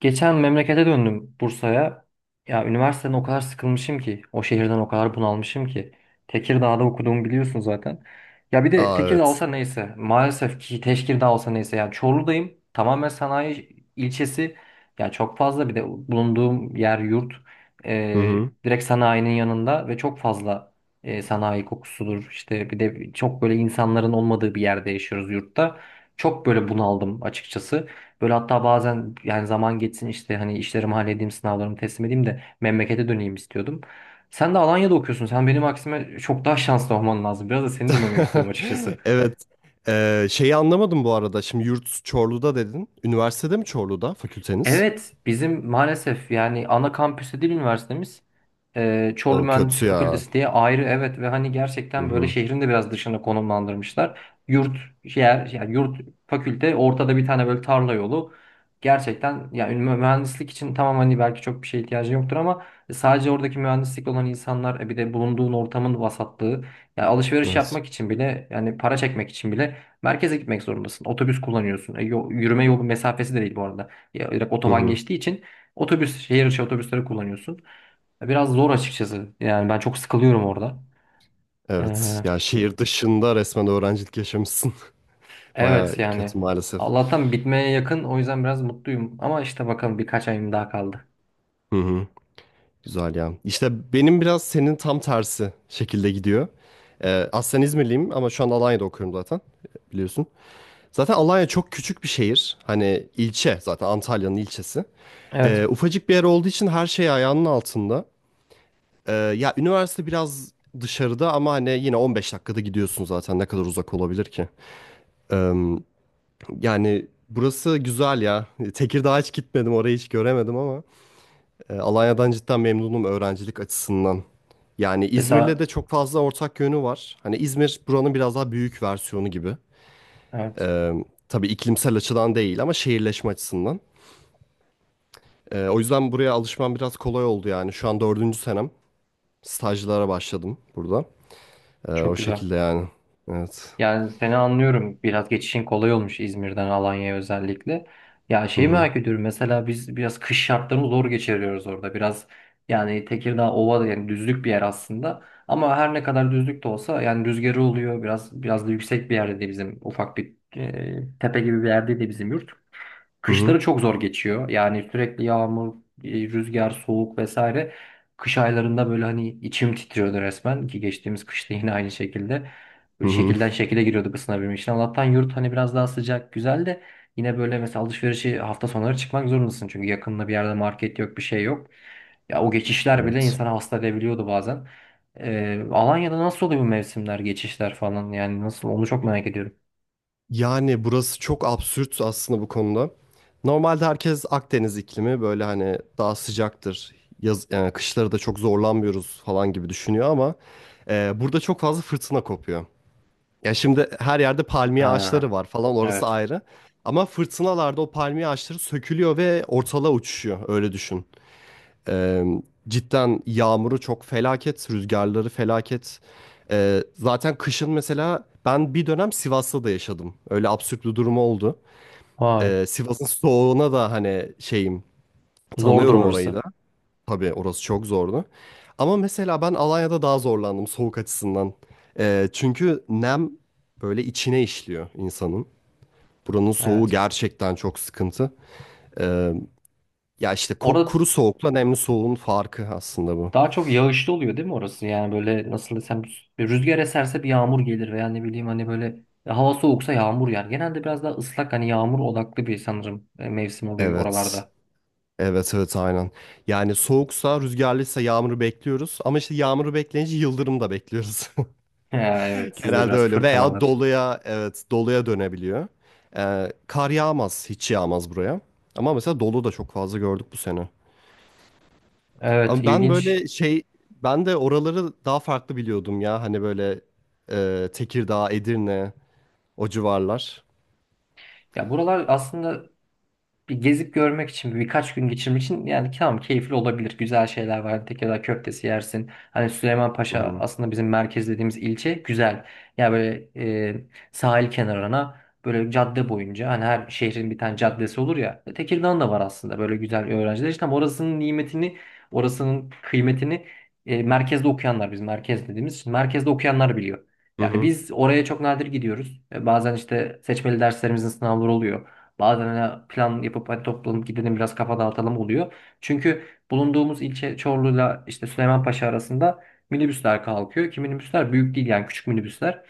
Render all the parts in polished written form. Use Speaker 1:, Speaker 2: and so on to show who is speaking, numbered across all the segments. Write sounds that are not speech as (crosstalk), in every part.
Speaker 1: Geçen memlekete döndüm Bursa'ya. Ya üniversiteden o kadar sıkılmışım ki, o şehirden o kadar bunalmışım ki. Tekirdağ'da okuduğumu biliyorsun zaten. Ya bir de
Speaker 2: Aa,
Speaker 1: Tekirdağ
Speaker 2: evet.
Speaker 1: olsa neyse, maalesef ki Teşkirdağ olsa neyse. Yani Çorlu'dayım, tamamen sanayi ilçesi. Ya çok fazla bir de bulunduğum yer yurt.
Speaker 2: Hı hı.
Speaker 1: Direkt sanayinin yanında ve çok fazla sanayi kokusudur. İşte bir de çok böyle insanların olmadığı bir yerde yaşıyoruz yurtta. Çok böyle bunaldım açıkçası. Böyle hatta bazen yani zaman geçsin işte hani işlerimi halledeyim, sınavlarımı teslim edeyim de memlekete döneyim istiyordum. Sen de Alanya'da okuyorsun. Sen benim aksime çok daha şanslı olman lazım. Biraz da seni dinlemek istiyorum
Speaker 2: (laughs)
Speaker 1: açıkçası.
Speaker 2: Evet. Şeyi anlamadım bu arada. Şimdi yurt Çorlu'da dedin. Üniversitede mi Çorlu'da fakülteniz?
Speaker 1: Evet, bizim maalesef yani ana kampüsü değil üniversitemiz. Çorlu
Speaker 2: O
Speaker 1: Mühendislik
Speaker 2: kötü ya.
Speaker 1: Fakültesi diye ayrı evet ve hani
Speaker 2: Hı
Speaker 1: gerçekten böyle
Speaker 2: hı.
Speaker 1: şehrin de biraz dışına konumlandırmışlar. Yurt yer yani yurt fakülte ortada bir tane böyle tarla yolu. Gerçekten yani mühendislik için tamam hani belki çok bir şeye ihtiyacı yoktur ama sadece oradaki mühendislik olan insanlar e bir de bulunduğun ortamın vasatlığı yani alışveriş
Speaker 2: Evet.
Speaker 1: yapmak için bile yani para çekmek için bile merkeze gitmek zorundasın. Otobüs kullanıyorsun. E, yürüme yolu mesafesi de değil bu arada. Ya, direkt
Speaker 2: Hı
Speaker 1: otoban
Speaker 2: hı.
Speaker 1: geçtiği için otobüs, şehir içi otobüsleri kullanıyorsun. Biraz zor açıkçası. Yani ben çok sıkılıyorum orada.
Speaker 2: Evet.
Speaker 1: Ee,
Speaker 2: Ya şehir dışında resmen öğrencilik yaşamışsın. (laughs) Baya
Speaker 1: evet yani.
Speaker 2: kötü maalesef.
Speaker 1: Allah'tan bitmeye yakın. O yüzden biraz mutluyum. Ama işte bakalım birkaç ayım daha kaldı.
Speaker 2: Hı hı. Güzel ya. İşte benim biraz senin tam tersi şekilde gidiyor. Aslen İzmirliyim ama şu an Alanya'da okuyorum zaten biliyorsun. Zaten Alanya çok küçük bir şehir. Hani ilçe zaten Antalya'nın ilçesi.
Speaker 1: Evet.
Speaker 2: Ufacık bir yer olduğu için her şey ayağının altında. Ya üniversite biraz dışarıda ama hani yine 15 dakikada gidiyorsun, zaten ne kadar uzak olabilir ki? Ee, Yani burası güzel ya. Tekirdağ'a hiç gitmedim, orayı hiç göremedim ama Alanya'dan cidden memnunum öğrencilik açısından. Yani İzmir'le de
Speaker 1: Mesela
Speaker 2: çok fazla ortak yönü var. Hani İzmir buranın biraz daha büyük versiyonu gibi.
Speaker 1: evet.
Speaker 2: Ee, tabii iklimsel açıdan değil ama şehirleşme açısından. O yüzden buraya alışmam biraz kolay oldu yani. Şu an dördüncü senem. Stajlara başladım burada.
Speaker 1: Çok
Speaker 2: O
Speaker 1: güzel.
Speaker 2: şekilde yani. Evet.
Speaker 1: Yani seni anlıyorum. Biraz geçişin kolay olmuş İzmir'den Alanya'ya özellikle. Ya
Speaker 2: Hı
Speaker 1: şeyi
Speaker 2: hı.
Speaker 1: merak ediyorum. Mesela biz biraz kış şartlarını zor geçiriyoruz orada. Biraz yani Tekirdağ ova da yani düzlük bir yer aslında. Ama her ne kadar düzlük de olsa yani rüzgarı oluyor. Biraz da yüksek bir yerde de bizim ufak bir tepe gibi bir yerde de bizim yurt.
Speaker 2: Hı hı.
Speaker 1: Kışları çok zor geçiyor. Yani sürekli yağmur, rüzgar, soğuk vesaire. Kış aylarında böyle hani içim titriyordu resmen ki geçtiğimiz kışta (laughs) yine aynı şekilde.
Speaker 2: Hı
Speaker 1: Böyle
Speaker 2: hı.
Speaker 1: şekilden şekile giriyorduk ısınabilmek için. Allah'tan yurt hani biraz daha sıcak, güzel de yine böyle mesela alışverişi hafta sonları çıkmak zorundasın. Çünkü yakında bir yerde market yok, bir şey yok. Ya o geçişler bile
Speaker 2: Evet.
Speaker 1: insanı hasta edebiliyordu bazen. Alanya'da nasıl oluyor bu mevsimler, geçişler falan? Yani nasıl? Onu çok merak ediyorum.
Speaker 2: Yani burası çok absürt aslında bu konuda. Normalde herkes Akdeniz iklimi böyle hani daha sıcaktır. Yaz, yani kışları da çok zorlanmıyoruz falan gibi düşünüyor ama burada çok fazla fırtına kopuyor. Ya şimdi her yerde palmiye ağaçları
Speaker 1: Ha,
Speaker 2: var falan, orası
Speaker 1: evet.
Speaker 2: ayrı. Ama fırtınalarda o palmiye ağaçları sökülüyor ve ortalığa uçuşuyor, öyle düşün. Ee, Cidden yağmuru çok felaket, rüzgarları felaket. Zaten kışın mesela ben bir dönem Sivas'ta da yaşadım. Öyle absürt bir durum oldu.
Speaker 1: Vay.
Speaker 2: Sivas'ın soğuğuna da hani şeyim,
Speaker 1: Zordur
Speaker 2: tanıyorum orayı
Speaker 1: orası.
Speaker 2: da. Tabii orası çok zordu. Ama mesela ben Alanya'da daha zorlandım soğuk açısından. Çünkü nem böyle içine işliyor insanın. Buranın soğuğu
Speaker 1: Evet.
Speaker 2: gerçekten çok sıkıntı. Ee, Ya işte
Speaker 1: Orada
Speaker 2: kuru soğukla nemli soğuğun farkı aslında bu.
Speaker 1: daha çok yağışlı oluyor değil mi orası? Yani böyle nasıl desem bir rüzgar eserse bir yağmur gelir veya ne bileyim hani böyle hava soğuksa yağmur yer. Genelde biraz daha ıslak hani yağmur odaklı bir sanırım mevsim oluyor
Speaker 2: Evet.
Speaker 1: oralarda. (laughs)
Speaker 2: Evet, evet, aynen. Yani soğuksa, rüzgarlıysa yağmuru bekliyoruz. Ama işte yağmuru bekleyince yıldırım da bekliyoruz. (laughs)
Speaker 1: Ha, evet
Speaker 2: (laughs)
Speaker 1: sizde
Speaker 2: Genelde
Speaker 1: biraz
Speaker 2: öyle, veya
Speaker 1: fırtınalar.
Speaker 2: doluya, evet, doluya dönebiliyor. Kar yağmaz, hiç yağmaz buraya. Ama mesela dolu da çok fazla gördük bu sene.
Speaker 1: Evet
Speaker 2: Ama ben
Speaker 1: ilginç.
Speaker 2: böyle şey, ben de oraları daha farklı biliyordum ya, hani böyle Tekirdağ, Edirne, o civarlar.
Speaker 1: Ya buralar aslında bir gezip görmek için birkaç gün geçirmek için yani tamam keyifli olabilir. Güzel şeyler var. Tekirdağ köftesi yersin. Hani
Speaker 2: Hı
Speaker 1: Süleymanpaşa
Speaker 2: hı.
Speaker 1: aslında bizim merkez dediğimiz ilçe güzel. Yani böyle e, sahil kenarına böyle cadde boyunca hani her şehrin bir tane caddesi olur ya. Tekirdağ'ın da var aslında böyle güzel öğrenciler. İşte ama orasının nimetini, orasının kıymetini merkezde okuyanlar biz merkez dediğimiz için merkezde okuyanlar biliyor.
Speaker 2: Hı
Speaker 1: Yani
Speaker 2: hı.
Speaker 1: biz oraya çok nadir gidiyoruz. E, bazen işte seçmeli derslerimizin sınavları oluyor. Bazen hani plan yapıp hadi toplanıp gidelim biraz kafa dağıtalım oluyor. Çünkü bulunduğumuz ilçe Çorlu'yla işte Süleymanpaşa arasında minibüsler kalkıyor ki minibüsler büyük değil yani küçük minibüsler.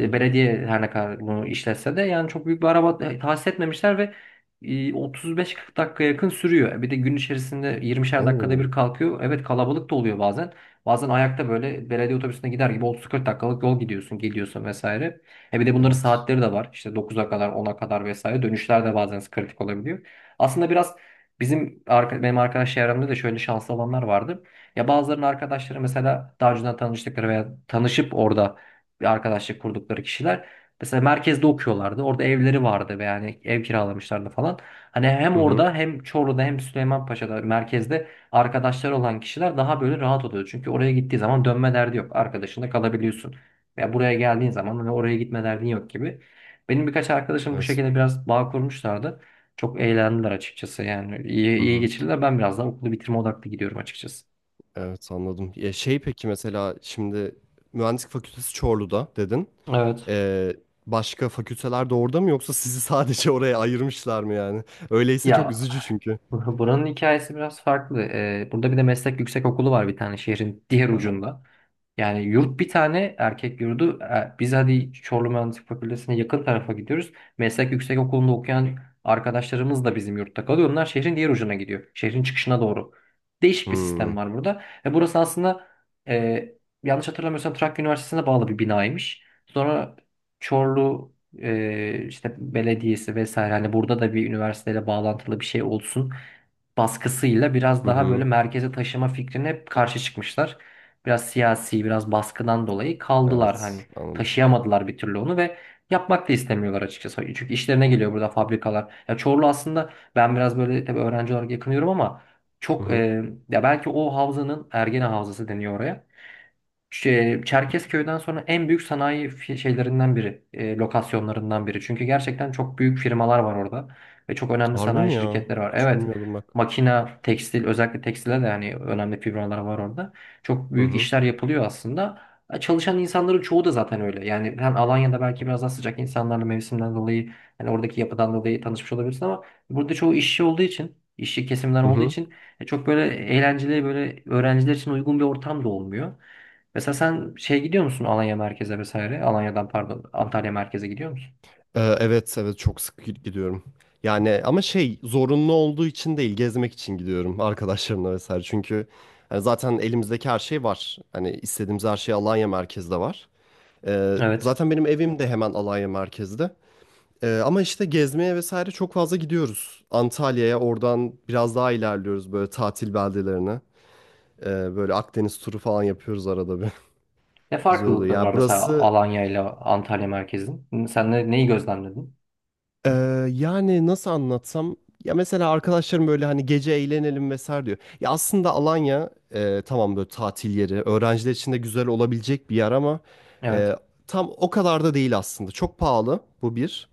Speaker 2: Hı hı.
Speaker 1: belediye her ne kadar bunu işletse de yani çok büyük bir araba tahsis etmemişler ve 35-40 dakika yakın sürüyor. E, bir de gün içerisinde 20'şer dakikada
Speaker 2: Oo,
Speaker 1: bir kalkıyor. Evet kalabalık da oluyor bazen. Bazen ayakta böyle belediye otobüsüne gider gibi 30-40 dakikalık yol gidiyorsun, geliyorsun vesaire. E bir de bunların
Speaker 2: evet.
Speaker 1: saatleri de var. İşte 9'a kadar, 10'a kadar vesaire. Dönüşler de bazen kritik olabiliyor. Aslında biraz benim arkadaş çevremde de şöyle şanslı olanlar vardı. Ya bazılarının arkadaşları mesela daha önceden tanıştıkları veya tanışıp orada bir arkadaşlık kurdukları kişiler. Mesela merkezde okuyorlardı. Orada evleri vardı ve yani ev kiralamışlardı falan. Hani hem
Speaker 2: Hı hı.
Speaker 1: orada hem Çorlu'da hem Süleymanpaşa'da merkezde arkadaşlar olan kişiler daha böyle rahat oluyor. Çünkü oraya gittiği zaman dönme derdi yok. Arkadaşında kalabiliyorsun. Veya buraya geldiğin zaman hani oraya gitme derdin yok gibi. Benim birkaç arkadaşım bu
Speaker 2: Evet.
Speaker 1: şekilde biraz bağ kurmuşlardı. Çok eğlendiler açıkçası yani iyi,
Speaker 2: Hı
Speaker 1: iyi
Speaker 2: hı.
Speaker 1: geçirdiler. Ben biraz daha okulu bitirme odaklı gidiyorum açıkçası.
Speaker 2: Evet, anladım. Ya şey, peki mesela şimdi mühendislik fakültesi Çorlu'da dedin.
Speaker 1: Evet.
Speaker 2: Ee, Başka fakülteler de orada mı, yoksa sizi (laughs) sadece oraya ayırmışlar mı yani? Öyleyse çok
Speaker 1: Ya
Speaker 2: üzücü çünkü.
Speaker 1: (laughs) Buranın hikayesi biraz farklı. Burada bir de meslek yüksekokulu var bir tane şehrin diğer
Speaker 2: Aha.
Speaker 1: ucunda. Yani yurt bir tane erkek yurdu. Biz hadi Çorlu Mühendislik Fakültesi'ne yakın tarafa gidiyoruz. Meslek yüksekokulu'nda okuyan arkadaşlarımız da bizim yurtta kalıyor. Onlar şehrin diğer ucuna gidiyor. Şehrin çıkışına doğru. Değişik bir sistem
Speaker 2: Hmm.
Speaker 1: var burada. Ve burası aslında e, yanlış hatırlamıyorsam Trakya Üniversitesi'ne bağlı bir binaymış. Sonra Çorlu işte belediyesi vesaire hani burada da bir üniversiteyle bağlantılı bir şey olsun baskısıyla biraz
Speaker 2: Hı
Speaker 1: daha böyle
Speaker 2: hı.
Speaker 1: merkeze taşıma fikrine hep karşı çıkmışlar. Biraz siyasi, biraz baskıdan dolayı kaldılar hani
Speaker 2: Evet, anladım.
Speaker 1: taşıyamadılar bir türlü onu ve yapmak da istemiyorlar açıkçası. Çünkü işlerine geliyor burada fabrikalar. Ya Çorlu aslında ben biraz böyle tabii öğrenci olarak yakınıyorum ama
Speaker 2: Hı
Speaker 1: çok
Speaker 2: hı.
Speaker 1: ya belki o havzanın Ergene Havzası deniyor oraya. Çerkezköy'den sonra en büyük sanayi şeylerinden biri, lokasyonlarından biri. Çünkü gerçekten çok büyük firmalar var orada ve çok önemli
Speaker 2: Harbi
Speaker 1: sanayi
Speaker 2: mi ya?
Speaker 1: şirketleri var.
Speaker 2: Hiç
Speaker 1: Evet,
Speaker 2: bilmiyordum bak.
Speaker 1: makina, tekstil, özellikle tekstile de yani önemli firmalar var orada. Çok
Speaker 2: Hı
Speaker 1: büyük
Speaker 2: hı.
Speaker 1: işler yapılıyor aslında. E, çalışan insanların çoğu da zaten öyle. Yani sen Alanya'da belki biraz daha sıcak insanlarla mevsimden dolayı, yani oradaki yapıdan dolayı tanışmış olabilirsin ama burada çoğu işçi olduğu için, işçi kesimden
Speaker 2: Hı
Speaker 1: olduğu
Speaker 2: hı.
Speaker 1: için çok böyle eğlenceli, böyle öğrenciler için uygun bir ortam da olmuyor. Mesela sen şey gidiyor musun Alanya merkeze vesaire? Alanya'dan pardon Antalya merkeze gidiyor musun?
Speaker 2: Evet, evet, çok sık gidiyorum. Yani ama şey, zorunlu olduğu için değil, gezmek için gidiyorum arkadaşlarımla vesaire. Çünkü hani zaten elimizdeki her şey var. Hani istediğimiz her şey Alanya merkezde var.
Speaker 1: Evet.
Speaker 2: Zaten benim evim de hemen Alanya merkezde. Ama işte gezmeye vesaire çok fazla gidiyoruz. Antalya'ya, oradan biraz daha ilerliyoruz böyle tatil beldelerine. Böyle Akdeniz turu falan yapıyoruz arada bir.
Speaker 1: Ne
Speaker 2: (laughs) Güzel oluyor.
Speaker 1: farklılıkları
Speaker 2: Ya
Speaker 1: var mesela
Speaker 2: burası,
Speaker 1: Alanya ile Antalya merkezin? Sen ne, neyi gözlemledin?
Speaker 2: Ee, yani nasıl anlatsam, ya mesela arkadaşlarım böyle hani gece eğlenelim vesaire diyor. Ya aslında Alanya tamam böyle tatil yeri, öğrenciler için de güzel olabilecek bir yer ama
Speaker 1: Evet.
Speaker 2: e, tam o kadar da değil aslında. Çok pahalı, bu bir.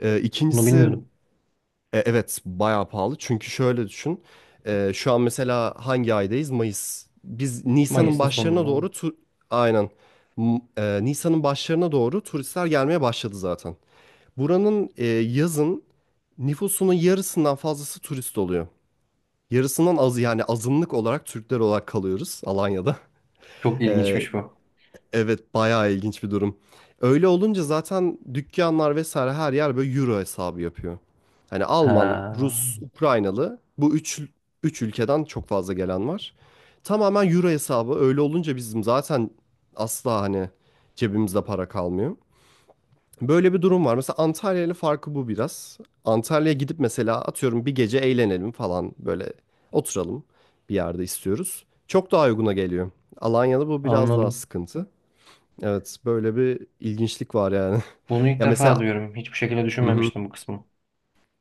Speaker 1: Bunu
Speaker 2: İkincisi
Speaker 1: bilmiyordum.
Speaker 2: evet, bayağı pahalı, çünkü şöyle düşün. Şu an mesela hangi aydayız? Mayıs. Biz Nisan'ın
Speaker 1: Mayıs'ın
Speaker 2: başlarına doğru
Speaker 1: sonunda.
Speaker 2: aynen, Nisan'ın başlarına doğru turistler gelmeye başladı zaten. Buranın yazın nüfusunun yarısından fazlası turist oluyor. Yarısından azı, yani azınlık olarak Türkler olarak kalıyoruz Alanya'da. (laughs)
Speaker 1: Çok
Speaker 2: E,
Speaker 1: ilginçmiş bu.
Speaker 2: evet, bayağı ilginç bir durum. Öyle olunca zaten dükkanlar vesaire, her yer böyle euro hesabı yapıyor. Hani Alman,
Speaker 1: Ha,
Speaker 2: Rus, Ukraynalı, bu üç ülkeden çok fazla gelen var. Tamamen euro hesabı, öyle olunca bizim zaten asla hani cebimizde para kalmıyor. Böyle bir durum var. Mesela Antalya ile farkı bu biraz. Antalya'ya gidip mesela, atıyorum, bir gece eğlenelim falan, böyle oturalım bir yerde istiyoruz. Çok daha uyguna geliyor. Alanya'da bu biraz daha
Speaker 1: anladım.
Speaker 2: sıkıntı. Evet, böyle bir ilginçlik var yani.
Speaker 1: Bunu
Speaker 2: (laughs)
Speaker 1: ilk
Speaker 2: Ya
Speaker 1: defa
Speaker 2: mesela,
Speaker 1: duyuyorum. Hiçbir şekilde
Speaker 2: hı hı,
Speaker 1: düşünmemiştim bu kısmı.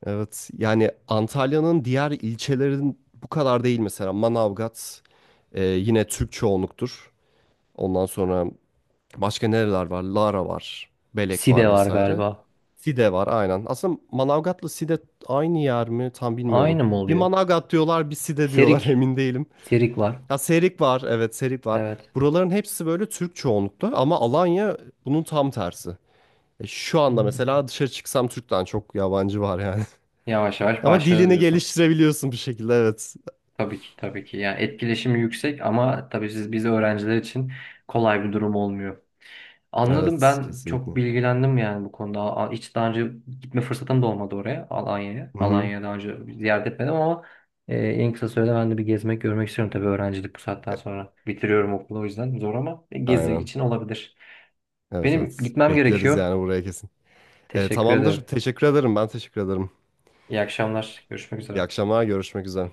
Speaker 2: evet, yani Antalya'nın diğer ilçelerin bu kadar değil, mesela Manavgat yine Türk çoğunluktur. Ondan sonra başka nereler var? Lara var. Belek
Speaker 1: Side
Speaker 2: var
Speaker 1: var
Speaker 2: vesaire.
Speaker 1: galiba.
Speaker 2: Side var, aynen. Aslında Manavgat'la Side aynı yer mi? Tam bilmiyorum.
Speaker 1: Aynı mı
Speaker 2: Bir
Speaker 1: oluyor?
Speaker 2: Manavgat diyorlar, bir Side diyorlar, (laughs)
Speaker 1: Serik.
Speaker 2: emin değilim.
Speaker 1: Serik var.
Speaker 2: Ya Serik var, evet, Serik var.
Speaker 1: Evet.
Speaker 2: Buraların hepsi böyle Türk çoğunlukta, ama Alanya bunun tam tersi. Şu anda mesela dışarı çıksam Türk'ten çok yabancı var yani.
Speaker 1: Yavaş
Speaker 2: (laughs)
Speaker 1: yavaş
Speaker 2: Ama
Speaker 1: başladı
Speaker 2: dilini
Speaker 1: diyorsun.
Speaker 2: geliştirebiliyorsun bir şekilde, evet.
Speaker 1: Tabii ki tabii ki. Yani etkileşimi yüksek ama tabii siz biz öğrenciler için kolay bir durum olmuyor. Anladım
Speaker 2: Evet,
Speaker 1: ben
Speaker 2: kesinlikle.
Speaker 1: çok bilgilendim yani bu konuda. Hiç daha önce gitme fırsatım da olmadı oraya Alanya'ya.
Speaker 2: Hı hı.
Speaker 1: Alanya'ya daha önce ziyaret etmedim ama en kısa sürede ben de bir gezmek görmek istiyorum tabii öğrencilik bu saatten
Speaker 2: E,
Speaker 1: sonra. Bitiriyorum okulu o yüzden zor ama gezi
Speaker 2: Aynen.
Speaker 1: için olabilir.
Speaker 2: Evet,
Speaker 1: Benim
Speaker 2: evet.
Speaker 1: gitmem
Speaker 2: Bekleriz
Speaker 1: gerekiyor.
Speaker 2: yani buraya, kesin.
Speaker 1: Teşekkür
Speaker 2: Tamamdır.
Speaker 1: ederim.
Speaker 2: Teşekkür ederim. Ben teşekkür ederim.
Speaker 1: İyi akşamlar. Görüşmek
Speaker 2: İyi
Speaker 1: üzere.
Speaker 2: akşamlar. Görüşmek üzere.